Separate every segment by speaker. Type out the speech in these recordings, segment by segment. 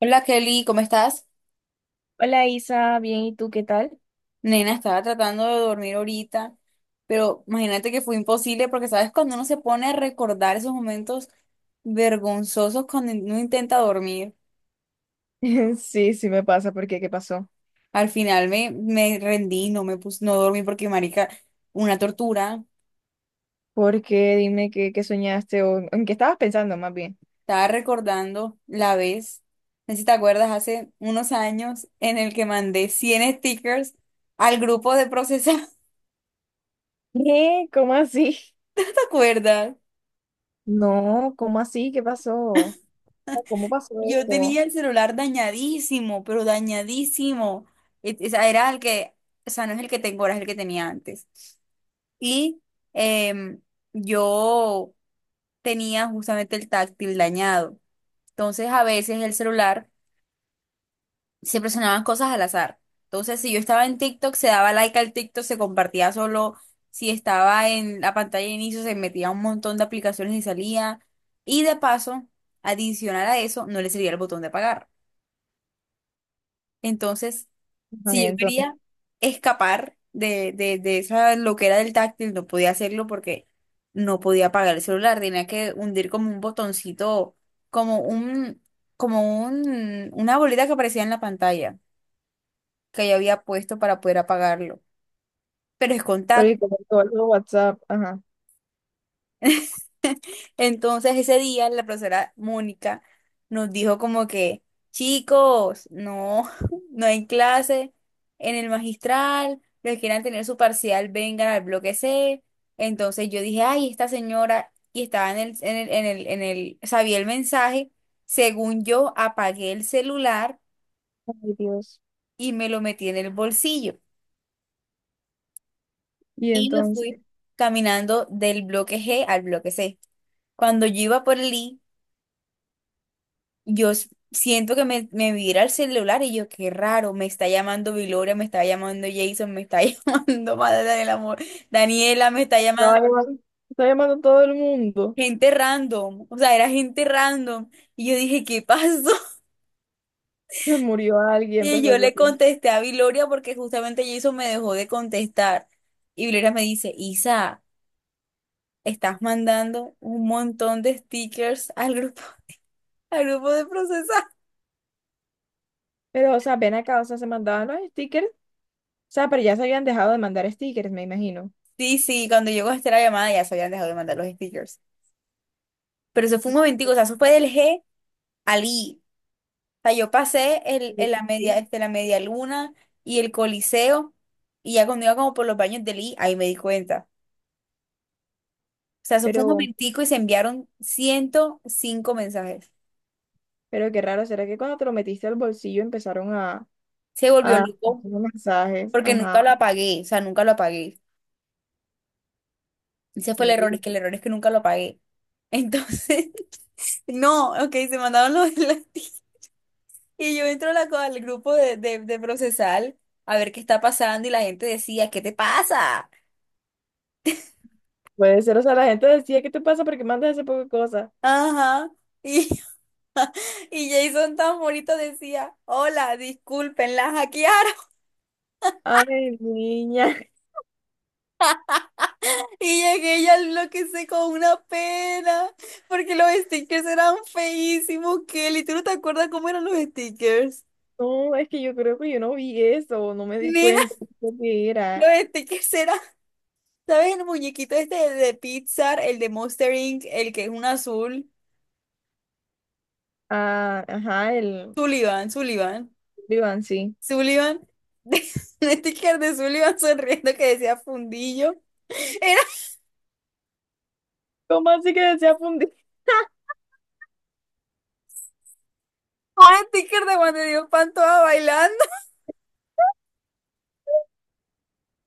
Speaker 1: Hola Kelly, ¿cómo estás?
Speaker 2: Hola Isa, bien, ¿y tú qué tal?
Speaker 1: Nena, estaba tratando de dormir ahorita, pero imagínate que fue imposible porque sabes cuando uno se pone a recordar esos momentos vergonzosos cuando uno intenta dormir,
Speaker 2: Sí, sí me pasa. ¿Por qué? ¿Qué pasó?
Speaker 1: al final me rendí, no dormí porque marica, una tortura.
Speaker 2: ¿Por qué? Dime qué, qué soñaste o en qué estabas pensando más bien.
Speaker 1: Estaba recordando la vez, no sé si te acuerdas, hace unos años en el que mandé 100 stickers al grupo de procesados.
Speaker 2: ¿Qué? ¿Cómo así?
Speaker 1: ¿Te acuerdas?
Speaker 2: No, ¿cómo así? ¿Qué pasó? ¿Cómo pasó
Speaker 1: Yo tenía
Speaker 2: esto?
Speaker 1: el celular dañadísimo, pero dañadísimo. O sea, era el que, o sea, no es el que tengo ahora, es el que tenía antes. Y em, yo tenía justamente el táctil dañado. Entonces, a veces el celular siempre sonaban cosas al azar. Entonces, si yo estaba en TikTok, se daba like al TikTok, se compartía solo. Si estaba en la pantalla de inicio, se metía un montón de aplicaciones y salía. Y de paso, adicional a eso, no le servía el botón de apagar. Entonces,
Speaker 2: Ajá, y
Speaker 1: si yo
Speaker 2: entonces,
Speaker 1: quería escapar de esa loquera del táctil, no podía hacerlo porque no podía apagar el celular. Tenía que hundir como un botoncito, como un, una bolita que aparecía en la pantalla que yo había puesto para poder apagarlo. Pero es
Speaker 2: pero y
Speaker 1: contacto.
Speaker 2: como todo el WhatsApp, ajá.
Speaker 1: Entonces ese día la profesora Mónica nos dijo como que, chicos, no, no hay clase en el magistral, los que quieran tener su parcial vengan al bloque C. Entonces yo dije, ay, esta señora, y estaba en el, sabía el mensaje, según yo apagué el celular
Speaker 2: Ay, Dios.
Speaker 1: y me lo metí en el bolsillo
Speaker 2: Y
Speaker 1: y me
Speaker 2: entonces,
Speaker 1: fui caminando del bloque G al bloque C. Cuando yo iba por el I, yo siento que me vibra el celular y yo, qué raro, me está llamando Viloria, me está llamando Jason, me está llamando Madre del Amor, Daniela, me está
Speaker 2: estaba
Speaker 1: llamando
Speaker 2: llamando, estaba llamando a todo el mundo.
Speaker 1: gente random, o sea, era gente random. Y yo dije, ¿qué pasó?
Speaker 2: Se murió alguien,
Speaker 1: Y yo
Speaker 2: empezaste
Speaker 1: le
Speaker 2: tú.
Speaker 1: contesté a Viloria porque justamente Jason me dejó de contestar. Y Viloria me dice, Isa, estás mandando un montón de stickers al grupo de procesar.
Speaker 2: Pero, o sea, ven acá, o sea, se mandaban los stickers. O sea, pero ya se habían dejado de mandar stickers, me imagino.
Speaker 1: Sí, sí, cuando llegó a hacer la llamada ya se habían dejado de mandar los stickers. Pero eso fue un momentico, o sea, eso fue del G al I. O sea, yo pasé
Speaker 2: Sí,
Speaker 1: el la media,
Speaker 2: sí.
Speaker 1: la media luna y el Coliseo, y ya cuando iba como por los baños del I, ahí me di cuenta. O sea, eso fue un
Speaker 2: Pero,
Speaker 1: momentico y se enviaron 105 mensajes.
Speaker 2: Pero qué raro, ¿será que cuando te lo metiste al bolsillo empezaron
Speaker 1: Se volvió
Speaker 2: a
Speaker 1: loco
Speaker 2: hacer mensajes?
Speaker 1: porque
Speaker 2: Ajá.
Speaker 1: nunca lo apagué, o sea, nunca lo apagué. Ese fue el error, es
Speaker 2: Uy,
Speaker 1: que el error es que nunca lo apagué. Entonces, no, ok, se mandaron los enlaces y yo entro a al grupo de procesal a ver qué está pasando y la gente decía, ¿qué te pasa?
Speaker 2: puede ser, o sea, la gente decía, ¿qué te pasa? ¿Por qué mandas ese poco de cosas?
Speaker 1: Ajá. Y, y Jason tan bonito decía, hola, disculpen, la hackearon.
Speaker 2: Ay, niña.
Speaker 1: Y llegué y al bloque sé con una pena, porque los stickers eran feísimos, Kelly. ¿Tú no te acuerdas cómo eran los stickers?
Speaker 2: No, es que yo creo que yo no vi eso, no me di
Speaker 1: Nina,
Speaker 2: cuenta de que
Speaker 1: los
Speaker 2: era.
Speaker 1: stickers eran, ¿sabes? El muñequito este de Pixar, el de Monster Inc., el que es un azul.
Speaker 2: Ah, ajá, el
Speaker 1: Sullivan, Sullivan,
Speaker 2: Iván, sí.
Speaker 1: Sullivan. Un sticker de Sullivan sonriendo que decía fundillo. Era
Speaker 2: ¿Cómo así que desea fundir?
Speaker 1: un sticker de cuando dio Pantoja bailando.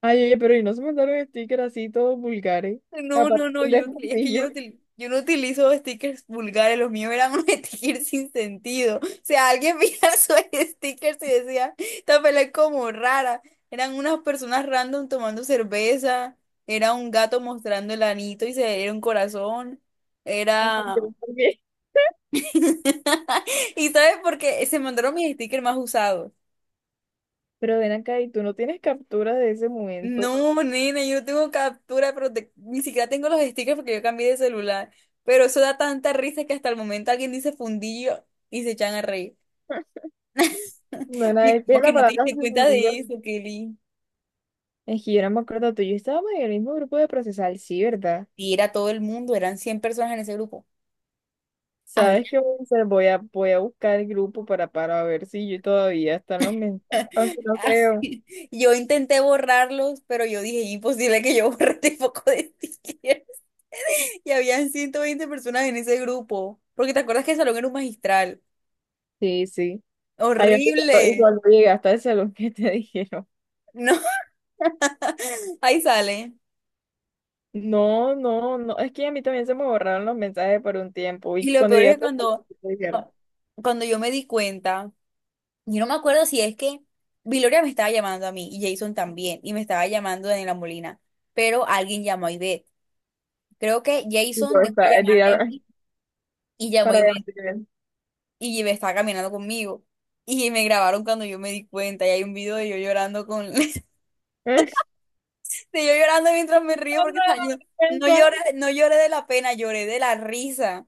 Speaker 2: Ay, oye, pero y no se mandaron stickers así todos vulgares,
Speaker 1: No, no,
Speaker 2: aparte
Speaker 1: no,
Speaker 2: del de
Speaker 1: es que yo,
Speaker 2: fundillo.
Speaker 1: util- yo no utilizo stickers vulgares, los míos eran unos stickers sin sentido. O sea, alguien veía sus stickers y decía, esta pelea es como rara. Eran unas personas random tomando cerveza, era un gato mostrando el anito y se era un corazón,
Speaker 2: Ay,
Speaker 1: era...
Speaker 2: yo también.
Speaker 1: ¿Y sabes por qué? Se mandaron mis stickers más usados.
Speaker 2: Pero ven acá, ¿y tú no tienes captura de ese momento?
Speaker 1: No, nena, yo no tengo captura, pero ni siquiera tengo los stickers porque yo cambié de celular. Pero eso da tanta risa que hasta el momento alguien dice fundillo y se echan a reír.
Speaker 2: No Nona
Speaker 1: Y
Speaker 2: de
Speaker 1: como
Speaker 2: pie,
Speaker 1: que
Speaker 2: la
Speaker 1: no te
Speaker 2: palabra
Speaker 1: diste
Speaker 2: se
Speaker 1: cuenta de
Speaker 2: fundió.
Speaker 1: eso, Kelly.
Speaker 2: Es que yo no me acuerdo tú. Y yo estábamos en el mismo grupo de procesal, sí, ¿verdad?
Speaker 1: Y era todo el mundo, eran 100 personas en ese grupo.
Speaker 2: ¿Sabes
Speaker 1: Había.
Speaker 2: qué voy a hacer? Voy a, voy a buscar el grupo para ver si yo todavía están los mensajes. Aunque no creo.
Speaker 1: Yo intenté borrarlos, pero yo dije, imposible que yo borre este poco de stickers. Y habían 120 personas en ese grupo. Porque te acuerdas que el salón era un magistral.
Speaker 2: Sí, sí. Ay, yo- y
Speaker 1: Horrible.
Speaker 2: cuando llegaste al salón, ¿qué te dijeron?
Speaker 1: No, ahí sale.
Speaker 2: No, no, no. Es que a mí también se me borraron los mensajes por un tiempo. Y
Speaker 1: Y lo
Speaker 2: cuando
Speaker 1: peor es que
Speaker 2: llegaste al salón, ¿qué te dijeron?
Speaker 1: ah, cuando yo me di cuenta, yo no me acuerdo si es que Viloria me estaba llamando a mí y Jason también, y me estaba llamando Daniela Molina, pero alguien llamó a Ivette. Creo que
Speaker 2: Y yo,
Speaker 1: Jason dejó de
Speaker 2: está,
Speaker 1: llamarme a
Speaker 2: dirá,
Speaker 1: mí y llamó a
Speaker 2: para ver
Speaker 1: Ivette
Speaker 2: si te ven.
Speaker 1: y Ivette estaba caminando conmigo. Y me grabaron cuando yo me di cuenta y hay un video de yo llorando de yo llorando mientras me río
Speaker 2: No, no,
Speaker 1: porque estaba yo,
Speaker 2: no,
Speaker 1: no
Speaker 2: no,
Speaker 1: lloré, no lloré de la pena, lloré de la risa.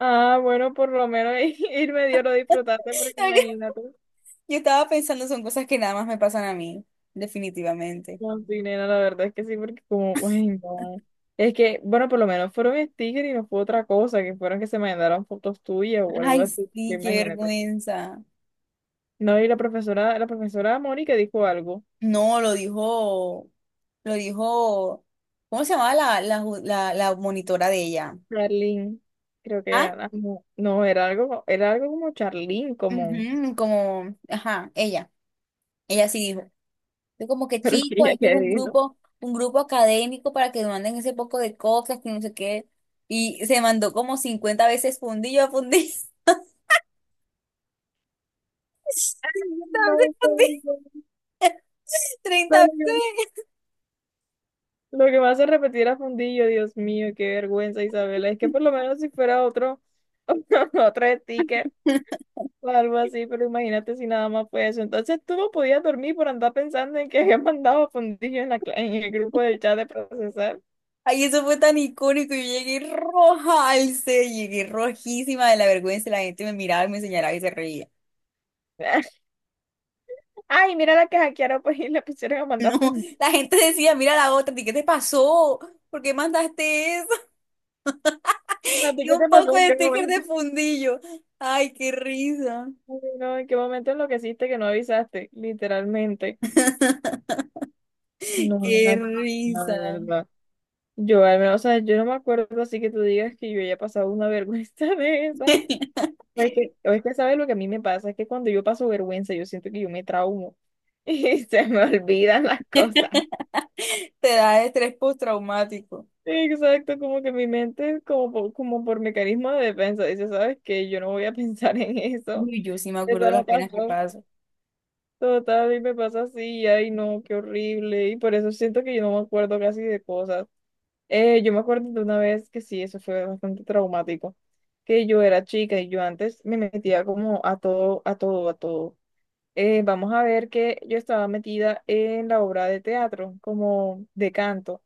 Speaker 2: ah, bueno, por lo menos irme dio lo disfrutaste porque imagínate.
Speaker 1: Yo estaba pensando, son cosas que nada más me pasan a mí, definitivamente.
Speaker 2: No, sí, nena, la verdad es que sí, porque como, uy, no. Es que, bueno, por lo menos fueron stickers y no fue otra cosa, que fueron que se mandaron fotos tuyas o algo
Speaker 1: Ay,
Speaker 2: así, que
Speaker 1: sí, qué
Speaker 2: imagínate.
Speaker 1: vergüenza.
Speaker 2: No, y la profesora Mónica dijo algo,
Speaker 1: No, lo dijo, ¿cómo se llamaba la monitora de ella?
Speaker 2: Charlene, creo que
Speaker 1: Ah,
Speaker 2: era, ah, no, no, era algo como Charlene, como,
Speaker 1: ujú, como, ajá, ella sí dijo. Yo como que
Speaker 2: pero es que
Speaker 1: chico,
Speaker 2: ella
Speaker 1: este es
Speaker 2: que dijo,
Speaker 1: un grupo académico para que manden ese poco de cosas, que no sé qué. Y se mandó como 50 veces fundillo a fundillo, 50 veces
Speaker 2: no,
Speaker 1: fundillo,
Speaker 2: no,
Speaker 1: 30
Speaker 2: no,
Speaker 1: veces.
Speaker 2: lo que me hace repetir a Fundillo, Dios mío, qué vergüenza, Isabela. Es que por lo menos si fuera otro, otro sticker o algo así, pero imagínate si nada más fue eso. Entonces tú no podías dormir por andar pensando en que habían mandado a Fundillo en la, cla- en el grupo del chat de procesar.
Speaker 1: Ay, eso fue tan icónico. Yo llegué roja al set, llegué rojísima de la vergüenza. La gente me miraba y me señalaba y se reía.
Speaker 2: Ay, mira la que hackearon, pues, y le pusieron a mandar a
Speaker 1: No,
Speaker 2: Fundillo.
Speaker 1: la gente decía, mira la otra, y ¿qué te pasó? ¿Por qué mandaste eso?
Speaker 2: ¿A ti
Speaker 1: Y
Speaker 2: qué
Speaker 1: un
Speaker 2: te pasó?
Speaker 1: poco
Speaker 2: ¿En
Speaker 1: de
Speaker 2: qué
Speaker 1: sticker
Speaker 2: momento?
Speaker 1: de fundillo. Ay, qué risa,
Speaker 2: Ay, no, ¿en qué momento enloqueciste que no avisaste? Literalmente. No, no,
Speaker 1: qué
Speaker 2: no, no,
Speaker 1: risa.
Speaker 2: de verdad. Yo al menos, o sea, yo no me acuerdo así que tú digas que yo haya pasado una vergüenza de esa. O es que sabes lo que a mí me pasa, es que cuando yo paso vergüenza, yo siento que yo me traumo y se me olvidan las cosas.
Speaker 1: Te da estrés postraumático.
Speaker 2: Exacto, como que mi mente, como por, como por mecanismo de defensa, dice, ¿sabes qué? Yo no voy a pensar en eso.
Speaker 1: Uy, yo sí me acuerdo
Speaker 2: Eso
Speaker 1: de las
Speaker 2: no
Speaker 1: penas que
Speaker 2: pasó.
Speaker 1: paso.
Speaker 2: Total, y me pasa así, ay no, qué horrible. Y por eso siento que yo no me acuerdo casi de cosas. Yo me acuerdo de una vez que sí, eso fue bastante traumático, que yo era chica y yo antes me metía como a todo, a todo, a todo. Vamos a ver que yo estaba metida en la obra de teatro, como de canto.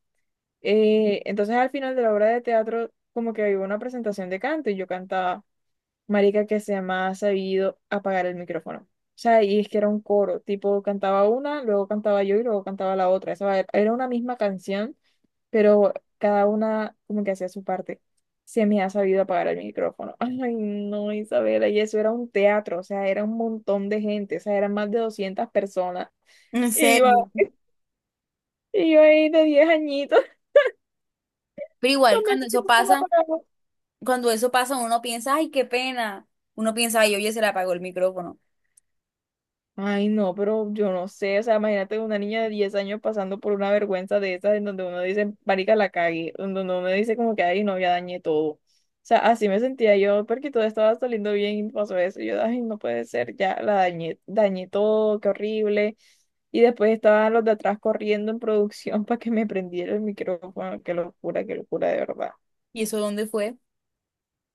Speaker 2: Entonces al final de la obra de teatro, como que había una presentación de canto y yo cantaba, marica, que se me ha sabido apagar el micrófono. O sea, y es que era un coro, tipo cantaba una, luego cantaba yo y luego cantaba la otra. Esa era una misma canción pero cada una como que hacía su parte. Se me ha sabido apagar el micrófono. Ay, no, Isabela, y eso era un teatro, o sea, era un montón de gente, o sea, eran más de 200 personas.
Speaker 1: En
Speaker 2: Y yo,
Speaker 1: serio.
Speaker 2: y yo ahí de 10 añitos
Speaker 1: Pero
Speaker 2: con
Speaker 1: igual,
Speaker 2: mi micrófono apagado.
Speaker 1: cuando eso pasa, uno piensa, ay, qué pena. Uno piensa, ay, oye, se le apagó el micrófono.
Speaker 2: Ay, no, pero yo no sé, o sea, imagínate una niña de 10 años pasando por una vergüenza de esas en donde uno dice, marica, la cagué, en donde uno dice como que, ay, no, ya dañé todo. O sea, así me sentía yo, porque todo estaba saliendo bien y pasó eso, y yo, ay, no puede ser, ya la dañé, dañé todo, qué horrible. Y después estaban los de atrás corriendo en producción para que me prendiera el micrófono, qué locura, de verdad.
Speaker 1: ¿Y eso dónde fue?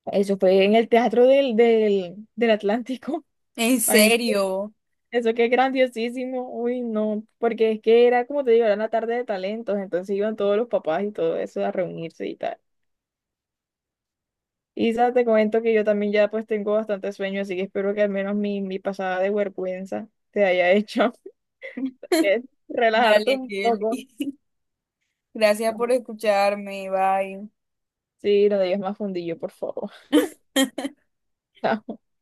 Speaker 2: Eso fue en el teatro del Atlántico.
Speaker 1: ¿En
Speaker 2: Ay,
Speaker 1: serio?
Speaker 2: eso que es grandiosísimo, uy, no, porque es que era como te digo, era una tarde de talentos, entonces iban todos los papás y todo eso a reunirse y tal. Y Isa, te comento que yo también ya pues tengo bastante sueño, así que espero que al menos mi pasada de vergüenza te haya hecho eh, relajarte
Speaker 1: Dale,
Speaker 2: un
Speaker 1: Kelly.
Speaker 2: poco.
Speaker 1: Gracias por escucharme. Bye.
Speaker 2: Sí, no digas más fundillo, por favor.